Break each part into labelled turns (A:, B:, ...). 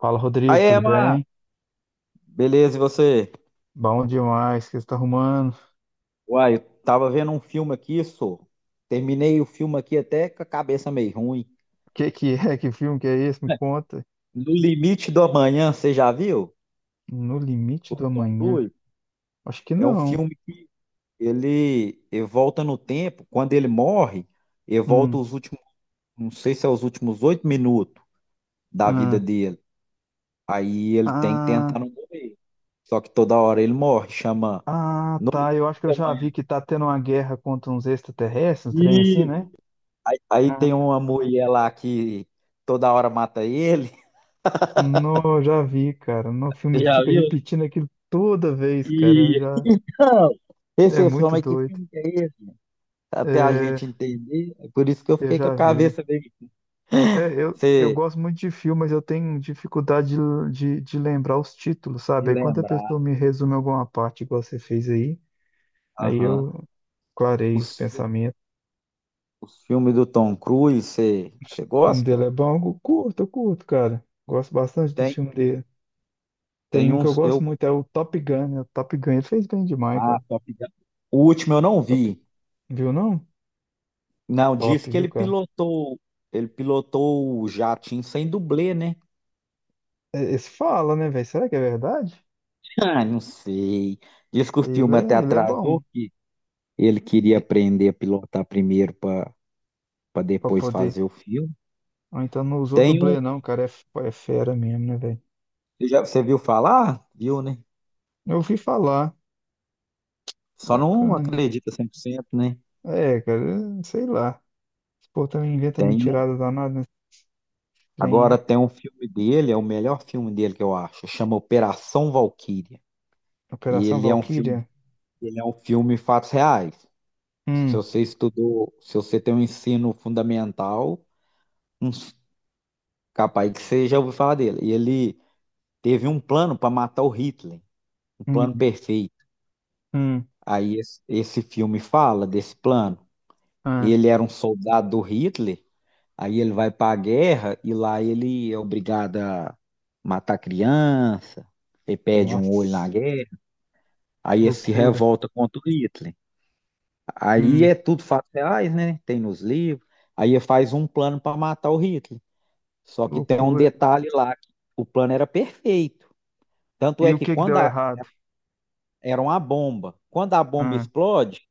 A: Fala,
B: Aí,
A: Rodrigo, tudo
B: Emma,
A: bem?
B: beleza, e você?
A: Bom demais, o que você tá arrumando? O
B: Uai, eu tava vendo um filme aqui, só. Terminei o filme aqui até com a cabeça meio ruim.
A: que que é? Que filme que é esse? Me conta.
B: No Limite do Amanhã, você já viu?
A: No Limite
B: Com o
A: do
B: Tom
A: Amanhã?
B: Cruise.
A: Acho que
B: É um
A: não.
B: filme que ele volta no tempo. Quando ele morre, ele volta
A: Hum.
B: os últimos, não sei se é os últimos 8 minutos da vida
A: Ah,
B: dele. Aí ele tem que
A: ah,
B: tentar não morrer. Só que toda hora ele morre, chama
A: ah,
B: No
A: tá. Eu
B: Limite
A: acho que eu
B: do
A: já
B: Amanhã.
A: vi que tá tendo uma guerra contra uns extraterrestres, um trem assim, né?
B: Aí tem
A: Ah.
B: uma mulher lá que toda hora mata ele.
A: Não, já vi, cara. No filme
B: Já
A: fica
B: viu? Né?
A: repetindo aquilo toda vez, cara.
B: E
A: Já
B: não. Esse,
A: é
B: esse
A: muito
B: homem, que
A: doido.
B: filme que é esse? Até a
A: É,
B: gente entender. É por isso que eu
A: eu
B: fiquei com a
A: já vi.
B: cabeça meio.
A: É, eu
B: Você
A: gosto muito de filme, mas eu tenho dificuldade de lembrar os títulos,
B: se
A: sabe? Aí quando a
B: lembrar.
A: pessoa me resume alguma parte, igual você fez aí, aí
B: Aham.
A: eu clareio os
B: Os, fi-
A: pensamentos.
B: os filmes do Tom Cruise, você
A: O filme
B: gosta?
A: dele é bom, eu curto, cara. Gosto bastante dos
B: Tem.
A: filmes dele. Tem
B: Tem
A: um que eu
B: uns.
A: gosto
B: Eu,
A: muito, é o Top Gun, né? O Top Gun, ele fez bem demais,
B: ah,
A: cara.
B: Top Gun. O último eu não
A: Top,
B: vi.
A: Viu não?
B: Não, diz que
A: Viu,
B: ele
A: cara?
B: pilotou. Ele pilotou o jatinho sem dublê, né?
A: É, esse fala, né, velho? Será que é verdade?
B: Ah, não sei. Diz que o
A: Ele
B: filme até
A: é, ele é bom.
B: atrasou, ele queria
A: E-
B: aprender a pilotar primeiro para
A: Pra
B: depois
A: poder.
B: fazer o filme.
A: Ou então não usou
B: Tem um,
A: dublê, não, cara. É, é fera mesmo, né, velho?
B: você viu falar? Viu, né?
A: Eu ouvi falar.
B: Só não
A: Bacana.
B: acredita 100%, né?
A: É, cara, sei lá. Esse povo também inventa
B: Tem um,
A: mentirada danada nesse trem aí.
B: agora tem um filme dele, é o melhor filme dele que eu acho, chama Operação Valquíria. E
A: Operação
B: ele é um filme,
A: Valquíria.
B: ele é um filme em fatos reais. Se
A: Hum,
B: você estudou, se você tem um ensino fundamental, hum, capaz que você já ouviu falar dele. E ele teve um plano para matar o Hitler, um plano
A: hum,
B: perfeito.
A: hum.
B: Aí esse filme fala desse plano.
A: Ah,
B: Ele era um soldado do Hitler, aí ele vai para a guerra e lá ele é obrigado a matar criança, ele perde um olho na
A: nossa.
B: guerra, aí ele se
A: Loucura.
B: revolta contra o Hitler. Aí
A: Hum,
B: é tudo fatos reais, né? Tem nos livros. Aí ele faz um plano para matar o Hitler. Só que tem um
A: loucura.
B: detalhe lá, que o plano era perfeito. Tanto
A: E
B: é
A: o
B: que
A: que que deu errado?
B: era uma bomba, quando a bomba
A: Ah,
B: explode,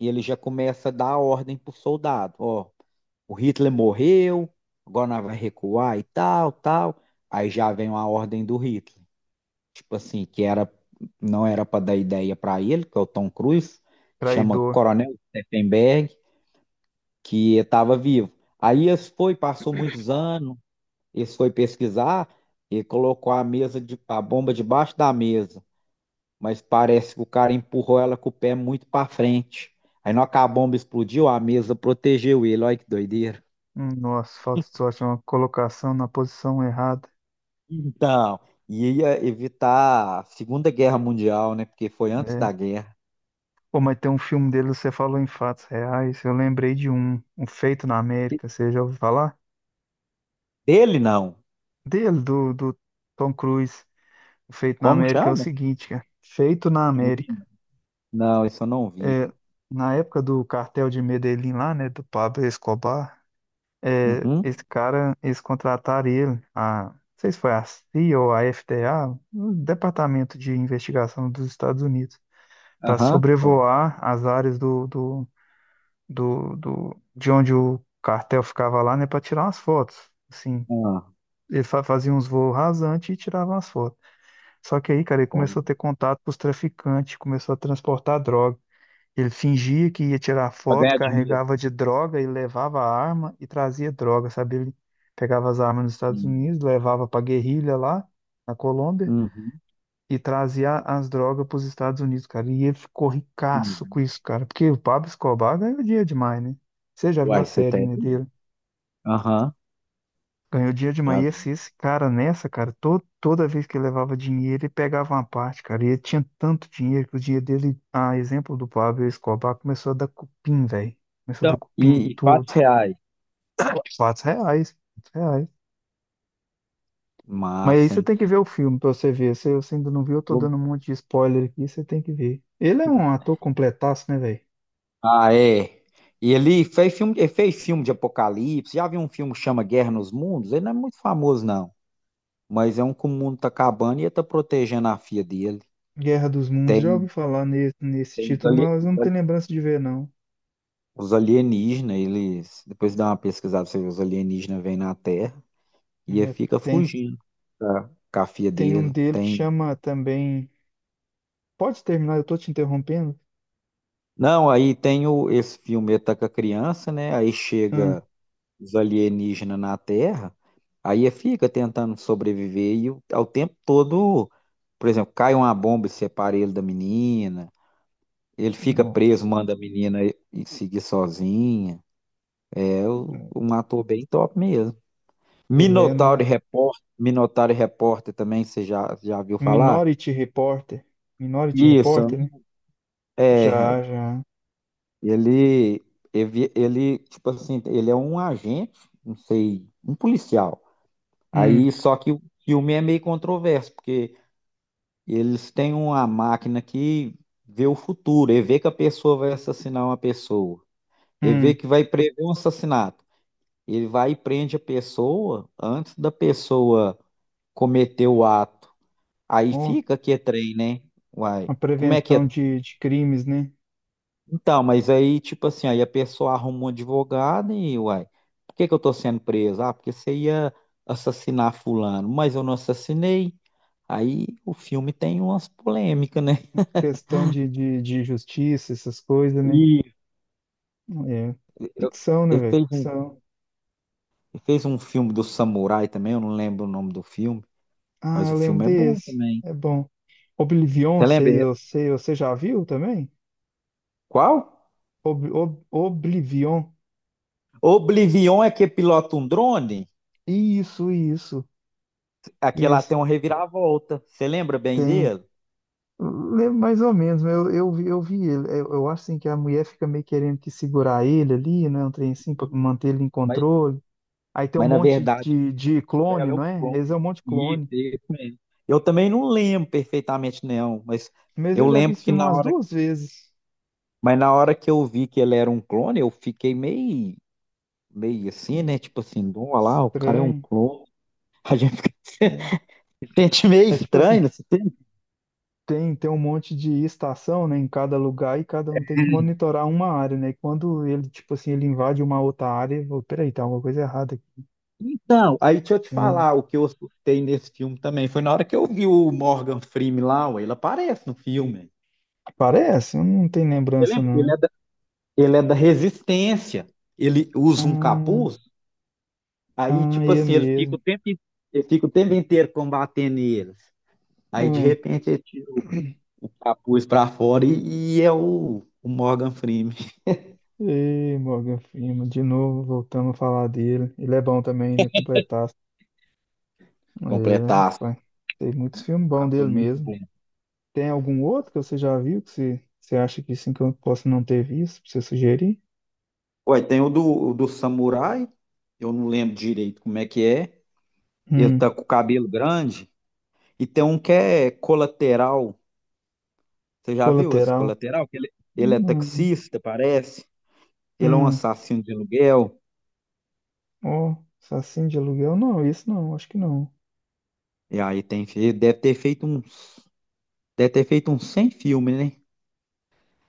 B: ele já começa a dar ordem pro soldado, ó, o Hitler morreu, agora nós vai recuar e tal, tal. Aí já vem uma ordem do Hitler, tipo assim, que era não era para dar ideia para ele, que é o Tom Cruise, chama
A: traidor.
B: Coronel Steffenberg, que estava vivo. Aí eles foi, passou muitos anos, eles foi pesquisar e colocou a a bomba debaixo da mesa, mas parece que o cara empurrou ela com o pé muito para frente. Aí na hora que a bomba explodiu, a mesa protegeu ele. Olha que doideira.
A: Nossa, falta de sorte. Uma colocação na posição errada.
B: Então, ia evitar a Segunda Guerra Mundial, né? Porque foi antes
A: É.
B: da guerra.
A: Pô, mas tem um filme dele, você falou em fatos reais. Eu lembrei de um. Um Feito na América. Você já ouviu falar?
B: Dele, não.
A: Dele, do Tom Cruise. O feito na
B: Como
A: América é o
B: chama?
A: seguinte, cara. Feito na
B: Não vi,
A: América.
B: né? Não, isso eu não vi.
A: É, na época do cartel de Medellín lá, né, do Pablo Escobar, é,
B: Uhum.
A: esse cara, eles contrataram ele, não sei se foi a CIA ou a FDA, o Departamento de Investigação dos Estados Unidos, para
B: Aham, é.
A: sobrevoar as áreas do, do, de onde o cartel ficava lá, né, para tirar umas fotos. Assim,
B: Ah,
A: ele faziam uns voos rasantes e tirava as fotos. Só que aí, cara, ele
B: foi.
A: começou a ter contato com os traficantes, começou a transportar droga. Ele fingia que ia tirar
B: Pra
A: foto,
B: ganhar dinheiro.
A: carregava de droga e levava a arma e trazia droga, sabe? Ele pegava as armas nos Estados
B: Uhum,
A: Unidos, levava pra guerrilha lá na Colômbia e trazia as drogas pros Estados Unidos, cara. E ele ficou ricaço
B: uhum.
A: com isso, cara, porque o Pablo Escobar ganhou dinheiro demais, né? Você já viu
B: Uai,
A: a
B: você
A: série,
B: tem?
A: né, dele?
B: Aham,
A: Ganhou dinheiro demais.
B: já
A: E
B: vi.
A: esse cara nessa, cara, toda vez que ele levava dinheiro, ele pegava uma parte, cara. E ele tinha tanto dinheiro que o dinheiro dele, a exemplo do Pablo Escobar, começou a dar cupim, velho. Começou a dar
B: Então,
A: cupim em
B: e
A: tudo.
B: fatos reais.
A: R$ 4, R$ 4. Mas aí
B: Massa,
A: você
B: hein?
A: tem que ver o filme pra você ver. Se você ainda não viu, eu tô
B: Vou-
A: dando um monte de spoiler aqui, você tem que ver. Ele é um ator completaço, né, velho?
B: ah, é. E ele fez filme de apocalipse. Já viu um filme que chama Guerra nos Mundos? Ele não é muito famoso, não. Mas é um que o mundo tá acabando e ele tá protegendo a filha dele.
A: Guerra dos Mundos, já ouvi
B: Tem,
A: falar nesse,
B: tem os
A: título,
B: ali-
A: mas eu
B: os
A: não
B: ali-
A: tenho lembrança de ver, não.
B: os alienígenas, eles. Depois dá uma pesquisada, você vê, os alienígenas vêm na Terra e ele
A: É,
B: fica
A: tem,
B: fugindo, tá, com a filha
A: um
B: dele.
A: dele que
B: Tem.
A: chama também. Pode terminar, eu tô te interrompendo.
B: Não, aí tem o, esse filme, ele tá com a criança, né? Aí
A: Ah,
B: chega os alienígenas na Terra, aí ele fica tentando sobreviver e ao tempo todo, por exemplo, cai uma bomba e separa ele da menina. Ele fica preso,
A: nossa.
B: manda a menina e seguir sozinha. É
A: Ah,
B: um ator bem top mesmo.
A: Helena,
B: Minotauro Repórter, Minotauro Repórter também, já viu falar?
A: Minority Reporter. Minority
B: Isso,
A: Reporter, né?
B: é,
A: Já, já.
B: ele, ele, tipo assim, ele é um agente, não sei, um policial.
A: Hum,
B: Aí, só que o filme é meio controverso, porque eles têm uma máquina que vê o futuro, e vê que a pessoa vai assassinar uma pessoa, e vê
A: hum.
B: que vai prever um assassinato. Ele vai e prende a pessoa antes da pessoa cometer o ato. Aí
A: Ó,
B: fica que é trem, né? Uai,
A: a
B: como é que
A: prevenção
B: é?
A: de crimes, né?
B: Então, mas aí, tipo assim, aí a pessoa arruma um advogado e, uai, por que que eu tô sendo preso? Ah, porque você ia assassinar fulano, mas eu não assassinei. Aí o filme tem umas polêmicas, né?
A: Questão de justiça, essas coisas, né?
B: E
A: É.
B: eu-
A: Ficção, né,
B: ele
A: velho?
B: fez um,
A: Ficção.
B: ele fez um filme do Samurai também, eu não lembro o nome do filme,
A: Ah,
B: mas o
A: eu lembro
B: filme é bom
A: desse.
B: também.
A: É bom. Oblivion,
B: Você
A: sei,
B: lembra?
A: eu sei, você já viu também?
B: Qual?
A: Oblivion.
B: Oblivion é que pilota um drone,
A: Isso, isso.
B: aqui ela
A: Isso.
B: tem uma reviravolta. Você lembra bem
A: Tem.
B: dele?
A: Lembro mais ou menos, mas eu vi ele. Eu acho assim que a mulher fica meio querendo que segurar ele ali, né? Um trem assim, pra manter ele em
B: Mas,
A: controle. Aí tem um
B: mas na
A: monte
B: verdade,
A: de
B: ela
A: clone,
B: é um
A: não é? Eles é
B: clone.
A: um monte de
B: Isso,
A: clone.
B: isso mesmo. Eu também não lembro perfeitamente, não, mas
A: Mas
B: eu
A: eu já vi
B: lembro
A: esse
B: que
A: filme
B: na
A: umas
B: hora,
A: duas vezes.
B: mas na hora que eu vi que ele era um clone, eu fiquei meio, meio assim, né?
A: Hum,
B: Tipo assim, olha lá, o cara é um
A: Estranho.
B: clone. A gente fica-
A: É,
B: sente meio
A: é tipo assim,
B: estranho, não se
A: tem, um monte de estação, né, em cada lugar e cada um tem que monitorar uma área, né? E quando ele, tipo assim, ele invade uma outra área, eu, vou, peraí, tá alguma coisa errada aqui.
B: Então, aí deixa eu te
A: É,
B: falar, o que eu assustei nesse filme também foi na hora que eu vi o Morgan Freeman lá, ué, ele aparece no filme.
A: parece, eu não tenho
B: Você
A: lembrança,
B: lembra?
A: não.
B: Ele é da Resistência. Ele usa um
A: Hum,
B: capuz, aí
A: ah,
B: tipo
A: é
B: assim,
A: mesmo.
B: ele fica o tempo inteiro combatendo eles. Aí de
A: Ah,
B: repente ele tira o capuz pra fora e é o Morgan Freeman
A: e Morgan Freeman, de novo, voltamos a falar dele. Ele é bom também, né? Completar. É,
B: completar.
A: rapaz. Tem muitos filmes bons
B: Captou
A: dele
B: muito
A: mesmo.
B: bem.
A: Tem algum outro que você já viu que você acha que sim que eu posso não ter visto? Pra você sugerir?
B: Ué, tem o do Samurai, eu não lembro direito como é que é. Ele
A: Hum,
B: tá com o cabelo grande. E tem um que é colateral. Você já viu esse
A: Colateral.
B: colateral? Que ele é
A: Hum,
B: taxista, parece. Ele é um
A: hum,
B: assassino de aluguel.
A: ó, Assassino de Aluguel? Não, isso não, acho que não.
B: E aí tem, ele deve ter feito um, deve ter feito uns 100 filmes, né?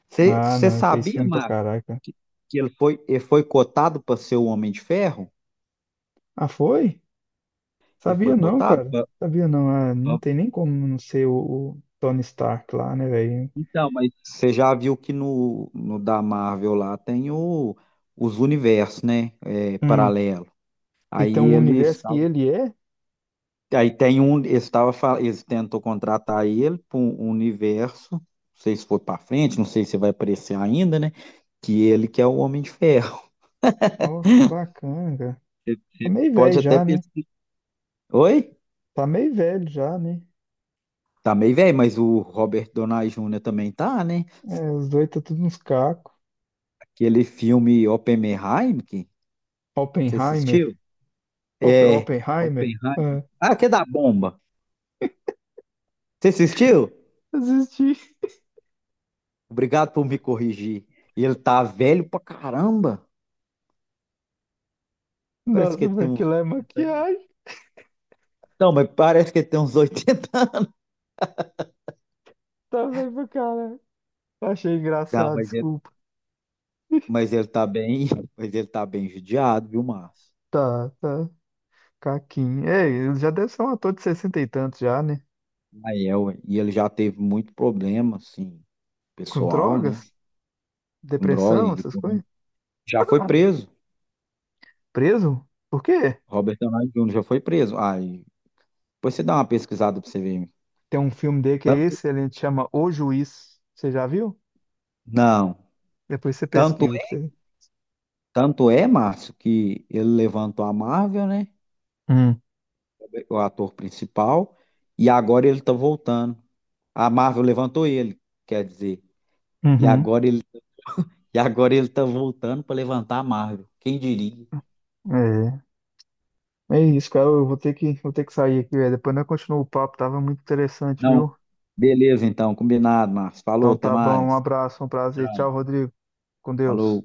B: Você
A: Ah,
B: você
A: não, ele fez
B: sabia,
A: filme pra
B: Marcos,
A: caraca.
B: que, que ele foi cotado para ser o Homem de Ferro?
A: Ah, foi?
B: Ele foi
A: Sabia não,
B: cotado?
A: cara. Sabia não. Ah, não
B: Pra-
A: tem nem como não ser o Tony Stark lá, né, velho?
B: Então, mas você já viu que no da Marvel lá tem o, os universos, né? É,
A: Hum.
B: paralelo.
A: E tem
B: Aí
A: um
B: eles
A: universo que ele é?
B: aí tem um, eles tentou contratar ele para um universo, não sei se foi para frente, não sei se vai aparecer ainda, né? Que ele que é o Homem de Ferro.
A: Ó, que bacana, cara.
B: Você
A: Tá
B: você
A: meio
B: pode
A: velho
B: até
A: já, né?
B: pensar. Oi?
A: Tá meio velho já, né?
B: Tá meio velho, mas o Robert Downey Jr. também tá, né?
A: É, os dois tá tudo uns cacos.
B: Aquele filme Oppenheimer, que você
A: Oppenheimer.
B: assistiu?
A: Op
B: É,
A: Oppenheimer.
B: Oppenheimer.
A: É.
B: Ah, que é da bomba. Você assistiu?
A: Assisti.
B: Obrigado por me corrigir. E ele tá velho pra caramba. Parece que
A: Nossa,
B: ele tem
A: mas
B: uns
A: aquilo é maquiagem.
B: não, mas parece que ele tem uns 80 anos.
A: Tá velho pra caralho. Achei
B: Não,
A: engraçado, desculpa.
B: Mas ele tá bem, mas ele tá bem judiado, viu, Márcio?
A: Tá, tá. Caquinho. Ei, ele já deve ser um ator de 60 e tantos já, né?
B: Aí é, ué, e ele já teve muito problema, assim,
A: Com
B: pessoal, né?
A: drogas?
B: Com droga,
A: Depressão,
B: ele
A: essas
B: pelo
A: coisas?
B: menos, já foi
A: Ah.
B: preso.
A: Preso? Por quê?
B: Robert Downey Jr. já foi preso. Aí, depois você dá uma pesquisada pra você ver.
A: Tem um filme dele que é
B: Tanto,
A: esse, ele chama O Juiz. Você já viu?
B: não,
A: Depois você
B: tanto,
A: pesquisa pra você ver.
B: tanto é, Márcio, que ele levantou a Marvel, né?
A: Hum.
B: O ator principal, e agora ele tá voltando. A Marvel levantou ele, quer dizer. E
A: Uhum.
B: agora ele E agora ele tá voltando para levantar a Marvel. Quem diria?
A: É. É isso, cara. Eu vou ter que sair aqui, velho. Depois nós continuamos o papo. Tava muito interessante,
B: Não,
A: viu?
B: beleza então, combinado, Marcos. Falou,
A: Então
B: até
A: tá bom. Um
B: mais.
A: abraço, um prazer. Tchau,
B: Tchau.
A: Rodrigo. Com
B: Falou.
A: Deus.